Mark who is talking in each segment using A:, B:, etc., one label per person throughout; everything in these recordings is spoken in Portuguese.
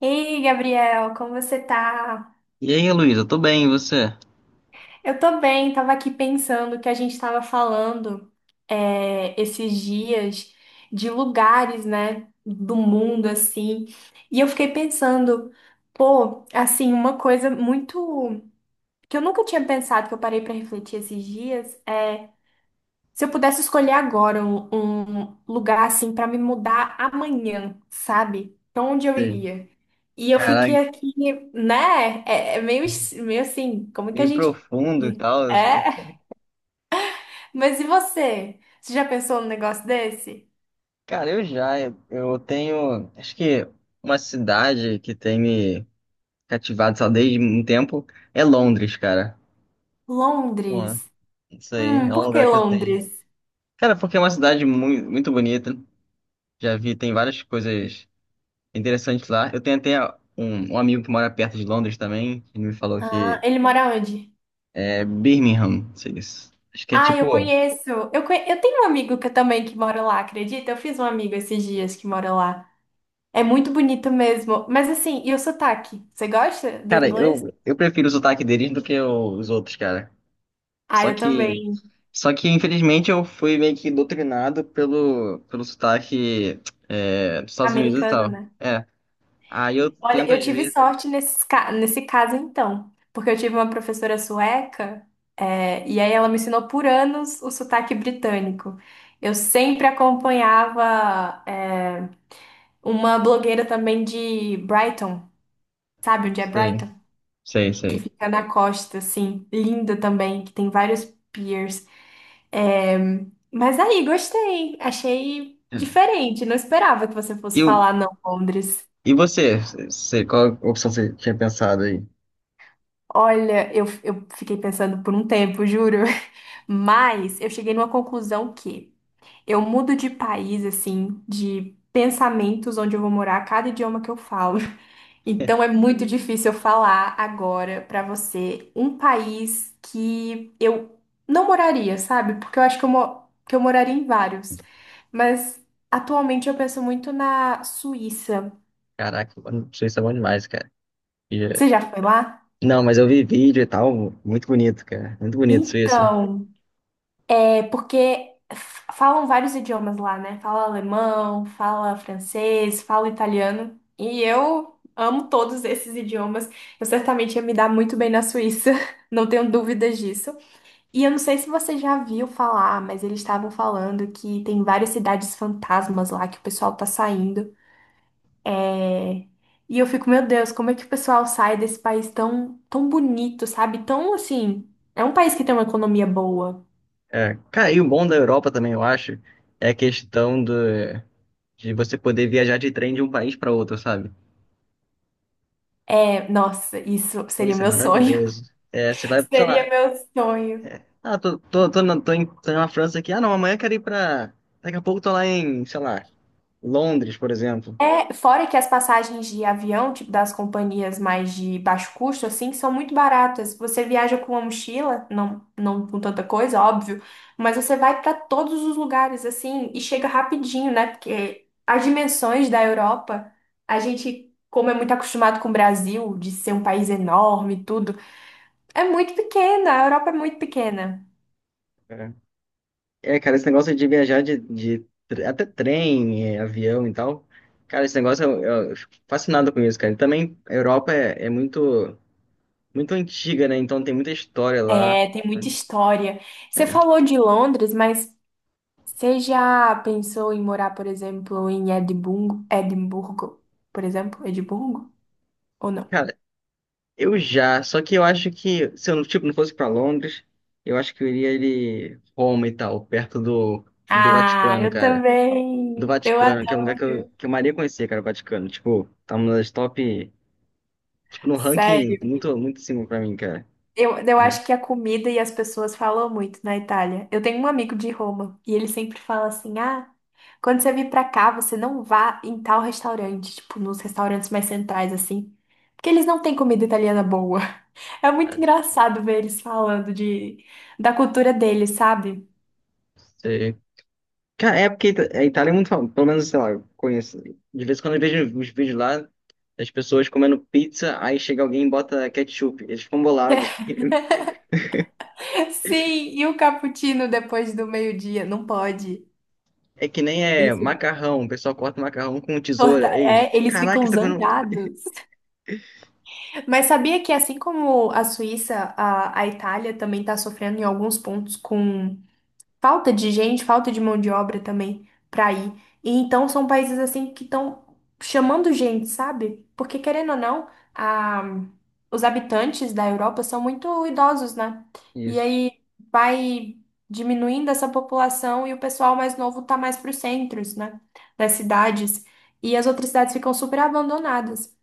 A: Ei, Gabriel, como você tá?
B: E aí, Luísa, tô bem, e você?
A: Eu tô bem, tava aqui pensando que a gente tava falando esses dias de lugares, né, do mundo, assim, e eu fiquei pensando, pô, assim, uma coisa muito que eu nunca tinha pensado, que eu parei pra refletir esses dias. Se eu pudesse escolher agora um lugar assim para me mudar amanhã, sabe? Pra onde eu
B: Sim.
A: iria? E eu fiquei
B: Caraca,
A: aqui, né? É, é meio, meio assim, como é que a
B: meio
A: gente.
B: profundo e tal.
A: É? Mas e você? Você já pensou num negócio desse?
B: Cara, eu tenho, acho que uma cidade que tem me cativado só desde um tempo é Londres, cara. Pô,
A: Londres.
B: isso aí é um
A: Por que
B: lugar que eu tenho.
A: Londres?
B: Cara, porque é uma cidade muito, muito bonita. Já vi, tem várias coisas interessantes lá. Eu tenho até um amigo que mora perto de Londres também, que me falou
A: Ah,
B: que
A: ele mora onde?
B: é Birmingham, não sei isso. Acho que é
A: Ah, eu
B: tipo.
A: conheço. Eu tenho um amigo que eu também que mora lá, acredita? Eu fiz um amigo esses dias que mora lá. É muito bonito mesmo. Mas assim, e o sotaque? Você gosta do
B: Cara,
A: inglês?
B: eu prefiro o sotaque deles do que o- os outros, cara.
A: Ah,
B: Só
A: eu
B: que,
A: também.
B: só que infelizmente eu fui meio que doutrinado pelo, pelo sotaque dos Estados Unidos e
A: Americano,
B: tal.
A: né?
B: Aí eu
A: Olha,
B: tento
A: eu
B: às
A: tive
B: vezes.
A: sorte nesse caso, então. Porque eu tive uma professora sueca, e aí ela me ensinou por anos o sotaque britânico. Eu sempre acompanhava, uma blogueira também de Brighton, sabe onde é
B: Sei,
A: Brighton?
B: sei,
A: Que
B: sei.
A: fica na costa, assim, linda também, que tem vários piers. É, mas aí, gostei. Achei
B: É.
A: diferente. Não esperava que você fosse
B: E, o,
A: falar não, Londres.
B: e você? Você, qual opção você tinha pensado aí?
A: Olha, eu fiquei pensando por um tempo, juro. Mas eu cheguei numa conclusão que eu mudo de país, assim, de pensamentos onde eu vou morar, cada idioma que eu falo. Então é muito difícil eu falar agora pra você um país que eu não moraria, sabe? Porque eu acho que que eu moraria em vários. Mas atualmente eu penso muito na Suíça.
B: Caraca, mano, Suíça é bom demais, cara. E-
A: Você já foi lá?
B: Não, mas eu vi vídeo e tal, muito bonito, cara. Muito bonito, Suíça.
A: Então, é porque falam vários idiomas lá, né? Fala alemão, fala francês, fala italiano. E eu amo todos esses idiomas. Eu certamente ia me dar muito bem na Suíça. Não tenho dúvidas disso. E eu não sei se você já viu falar, mas eles estavam falando que tem várias cidades fantasmas lá que o pessoal tá saindo. É, E eu fico, meu Deus, como é que o pessoal sai desse país tão, tão bonito, sabe? Tão assim. É um país que tem uma economia boa.
B: É, cara, e o bom da Europa também, eu acho, é a questão do. De você poder viajar de trem de um país para outro, sabe?
A: É, nossa, isso
B: Pô,
A: seria
B: isso é
A: meu sonho.
B: maravilhoso. É, você vai, sei
A: Seria
B: lá,
A: meu sonho.
B: ah, tô na, tô, em, tô na França aqui, ah, não, amanhã eu quero ir pra. Daqui a pouco tô lá em, sei lá, Londres, por exemplo.
A: É, fora que as passagens de avião, tipo das companhias mais de baixo custo, assim, são muito baratas. Você viaja com uma mochila, não, não com tanta coisa, óbvio, mas você vai para todos os lugares, assim, e chega rapidinho, né? Porque as dimensões da Europa, a gente, como é muito acostumado com o Brasil, de ser um país enorme e tudo, é muito pequena. A Europa é muito pequena.
B: É. É, cara, esse negócio de viajar de tre- até trem, é, avião e tal. Cara, esse negócio eu fico fascinado com isso, cara. E também a Europa é, é muito, muito antiga, né? Então tem muita história lá.
A: É, tem muita história. Você falou de Londres, mas. Você já pensou em morar, por exemplo, em Edimburgo, por exemplo, Edimburgo? Ou não?
B: Cara, Eu já, só que eu acho que se eu não, tipo, não fosse pra Londres, eu acho que eu iria ele Roma e tal, perto do, do
A: Ah,
B: Vaticano,
A: eu
B: cara. Do
A: também. Eu
B: Vaticano, que é um lugar
A: adoro.
B: que eu maria conhecer, cara, o Vaticano. Tipo, tá uma das top, tipo, no ranking
A: Sério.
B: muito, muito em cima pra mim, cara.
A: Eu
B: É,
A: acho que a comida e as pessoas falam muito na Itália. Eu tenho um amigo de Roma e ele sempre fala assim: ah, quando você vir pra cá, você não vá em tal restaurante, tipo, nos restaurantes mais centrais, assim. Porque eles não têm comida italiana boa. É muito
B: mas,
A: engraçado ver eles falando de, da cultura deles, sabe?
B: sei. Cara, é porque Ita- a Itália é muito famosa, pelo menos, sei lá, eu conheço. De vez em quando eu vejo os vídeos lá das pessoas comendo pizza, aí chega alguém e bota ketchup. Eles ficam bolados.
A: Sim, e o cappuccino depois do meio-dia? Não pode.
B: É que nem é
A: Eles ficam,
B: macarrão, o pessoal corta macarrão com tesoura. Aí, eles,
A: eles
B: caraca,
A: ficam
B: isso tá comendo.
A: zangados. Mas sabia que assim como a Suíça, a Itália também está sofrendo em alguns pontos com falta de gente, falta de mão de obra também para ir. E então são países assim que estão chamando gente, sabe? Porque querendo ou não, a- os habitantes da Europa são muito idosos, né? E
B: Isso.
A: aí vai diminuindo essa população e o pessoal mais novo tá mais para os centros, né? Das cidades. E as outras cidades ficam super abandonadas.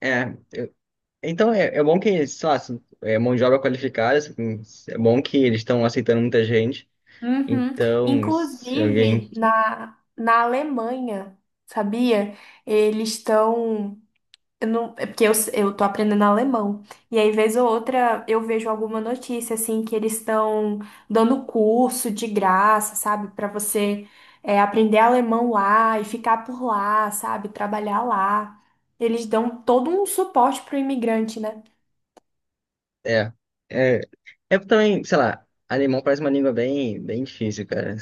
B: É, eu- então é, é bom que, sei lá, se- é mão de obra qualificada, assim, é bom que eles estão aceitando muita gente.
A: Uhum.
B: Então, se
A: Inclusive
B: alguém.
A: na Alemanha, sabia? Eles estão. Eu não, é porque eu tô aprendendo alemão. E aí, vez ou outra, eu vejo alguma notícia, assim, que eles estão dando curso de graça, sabe? Pra você aprender alemão lá e ficar por lá, sabe? Trabalhar lá. Eles dão todo um suporte pro imigrante, né?
B: É, é, é também, sei lá, alemão parece uma língua bem, bem difícil, cara.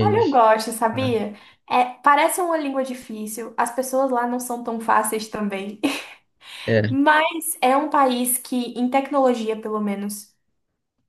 A: Olha, eu gosto, sabia? É, parece uma língua difícil. As pessoas lá não são tão fáceis também.
B: É,
A: Mas é um país que, em tecnologia, pelo menos.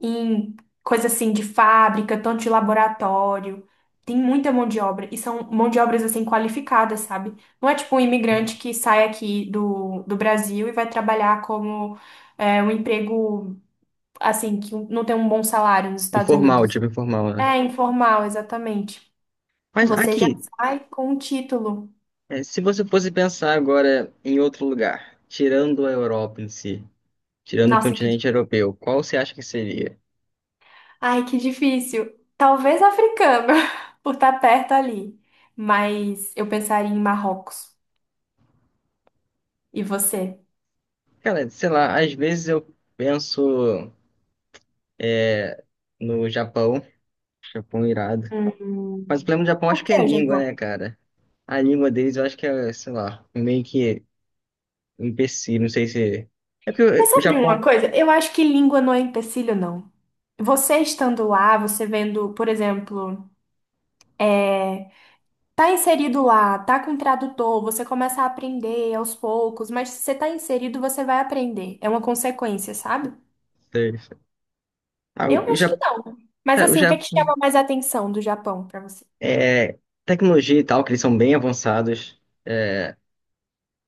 A: Em coisa assim de fábrica, tanto de laboratório. Tem muita mão de obra e são mão de obras assim qualificadas, sabe? Não é tipo um imigrante que sai aqui do Brasil e vai trabalhar como um emprego assim que não tem um bom salário nos Estados
B: informal,
A: Unidos.
B: tipo informal, né?
A: É informal, exatamente.
B: Mas
A: Você já
B: aqui,
A: sai com um título.
B: é, se você fosse pensar agora em outro lugar, tirando a Europa em si. Tirando o
A: Nossa, que
B: continente europeu, qual você acha que seria?
A: ai, que difícil. Talvez africano, por estar perto ali. Mas eu pensaria em Marrocos. E você?
B: Cara, sei lá, às vezes eu penso no Japão, Japão irado.
A: Hum,
B: Mas o problema do Japão
A: por
B: acho que
A: que
B: é
A: o
B: língua,
A: Japão?
B: né, cara? A língua deles eu acho que é, sei lá, meio que um empecilho, não sei se. É porque
A: Mas
B: o
A: sabe de uma
B: Japão.
A: coisa? Eu acho que língua não é empecilho, não. Você estando lá, você vendo, por exemplo, é, tá inserido lá, tá com tradutor, você começa a aprender aos poucos, mas se você tá inserido, você vai aprender. É uma consequência, sabe?
B: Sei. Ah,
A: Eu
B: o
A: acho que
B: Japão.
A: não. Mas
B: Cara, o
A: assim, o que é que
B: Japão.
A: chama mais atenção do Japão pra você?
B: É, tecnologia e tal, que eles são bem avançados. É,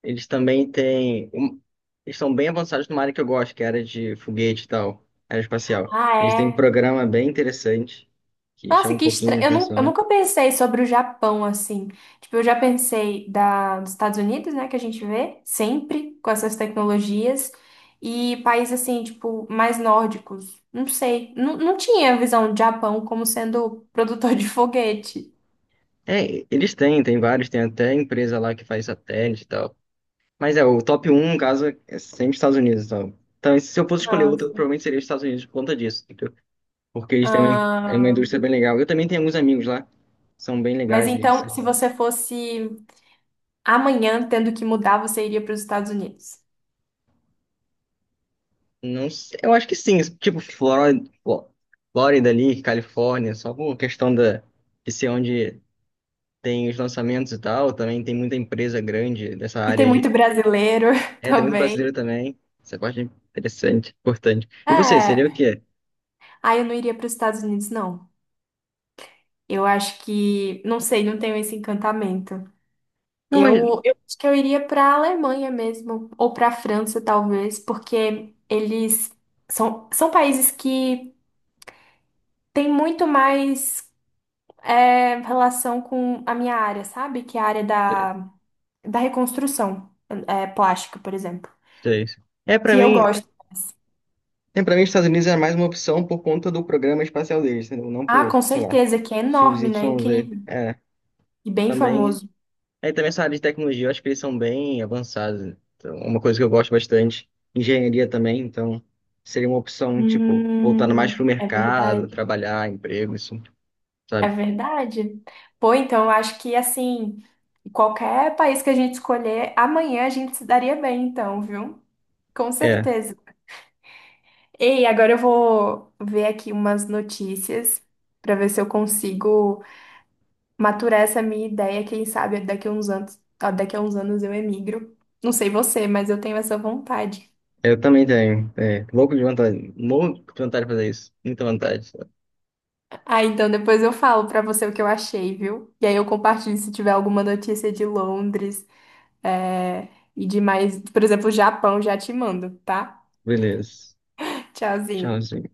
B: Eles também têm. Um- Eles são bem avançados numa área que eu gosto, que é a área de foguete e tal, aeroespacial.
A: Ah,
B: Eles têm um
A: é?
B: programa bem interessante, que chama
A: Nossa,
B: um
A: que
B: pouquinho a
A: estranho.
B: atenção.
A: Eu
B: Né?
A: nunca pensei sobre o Japão assim. Tipo, eu já pensei dos Estados Unidos, né, que a gente vê sempre com essas tecnologias, e países assim, tipo, mais nórdicos. Não sei. Não, não tinha a visão do Japão como sendo produtor de foguete.
B: É, eles têm, tem vários, tem até empresa lá que faz satélite e tal. Mas é, o top um no caso, é sempre os Estados Unidos e tal. Então, se eu fosse escolher outro,
A: Nossa.
B: provavelmente seria os Estados Unidos por conta disso, entendeu? Porque eles têm uma, é uma
A: Ah,
B: indústria bem legal. Eu também tenho alguns amigos lá, são bem
A: mas
B: legais. Eles-
A: então, se você fosse amanhã tendo que mudar, você iria para os Estados Unidos.
B: Não sei, eu acho que sim, tipo Flórida, Fló- Flórida ali, Califórnia, só por questão da, de ser onde tem os lançamentos e tal, também tem muita empresa grande dessa
A: E
B: área
A: tem
B: aí.
A: muito brasileiro
B: É, tem muito
A: também.
B: brasileiro também, essa parte é interessante, importante. E você, seria
A: É.
B: o quê?
A: Ah, eu não iria para os Estados Unidos, não. Eu acho que, não sei, não tenho esse encantamento.
B: Não, mas...
A: Eu acho que eu iria para a Alemanha mesmo, ou para a França, talvez, porque eles são países que têm muito mais relação com a minha área, sabe? Que é a área da reconstrução plástica, por exemplo.
B: Sei. É, pra
A: Que eu
B: mim,
A: gosto.
B: é, pra mim os Estados Unidos é mais uma opção por conta do programa espacial deles, entendeu? Não
A: Ah,
B: por,
A: com
B: sei lá,
A: certeza, que é enorme, né?
B: XYZ.
A: Incrível.
B: É,
A: E bem famoso.
B: também Aí também essa área de tecnologia, eu acho que eles são bem avançados. Né? Então, é uma coisa que eu gosto bastante. Engenharia também, então seria uma opção, tipo, voltando mais pro
A: É
B: mercado,
A: verdade.
B: trabalhar, emprego, isso,
A: É
B: sabe?
A: verdade. Pô, então eu acho que assim, qualquer país que a gente escolher, amanhã a gente se daria bem, então, viu? Com
B: É,
A: certeza. Ei, agora eu vou ver aqui umas notícias para ver se eu consigo maturar essa minha ideia. Quem sabe daqui a uns anos, ó, daqui a uns anos eu emigro. Não sei você, mas eu tenho essa vontade.
B: eu também tenho. É, louco de vontade de fazer isso. Muita vontade.
A: Ah, então depois eu falo para você o que eu achei, viu? E aí eu compartilho se tiver alguma notícia de Londres. É, e de mais, por exemplo, Japão, já te mando, tá?
B: Beleza.
A: Tchauzinho.
B: Tchauzinho.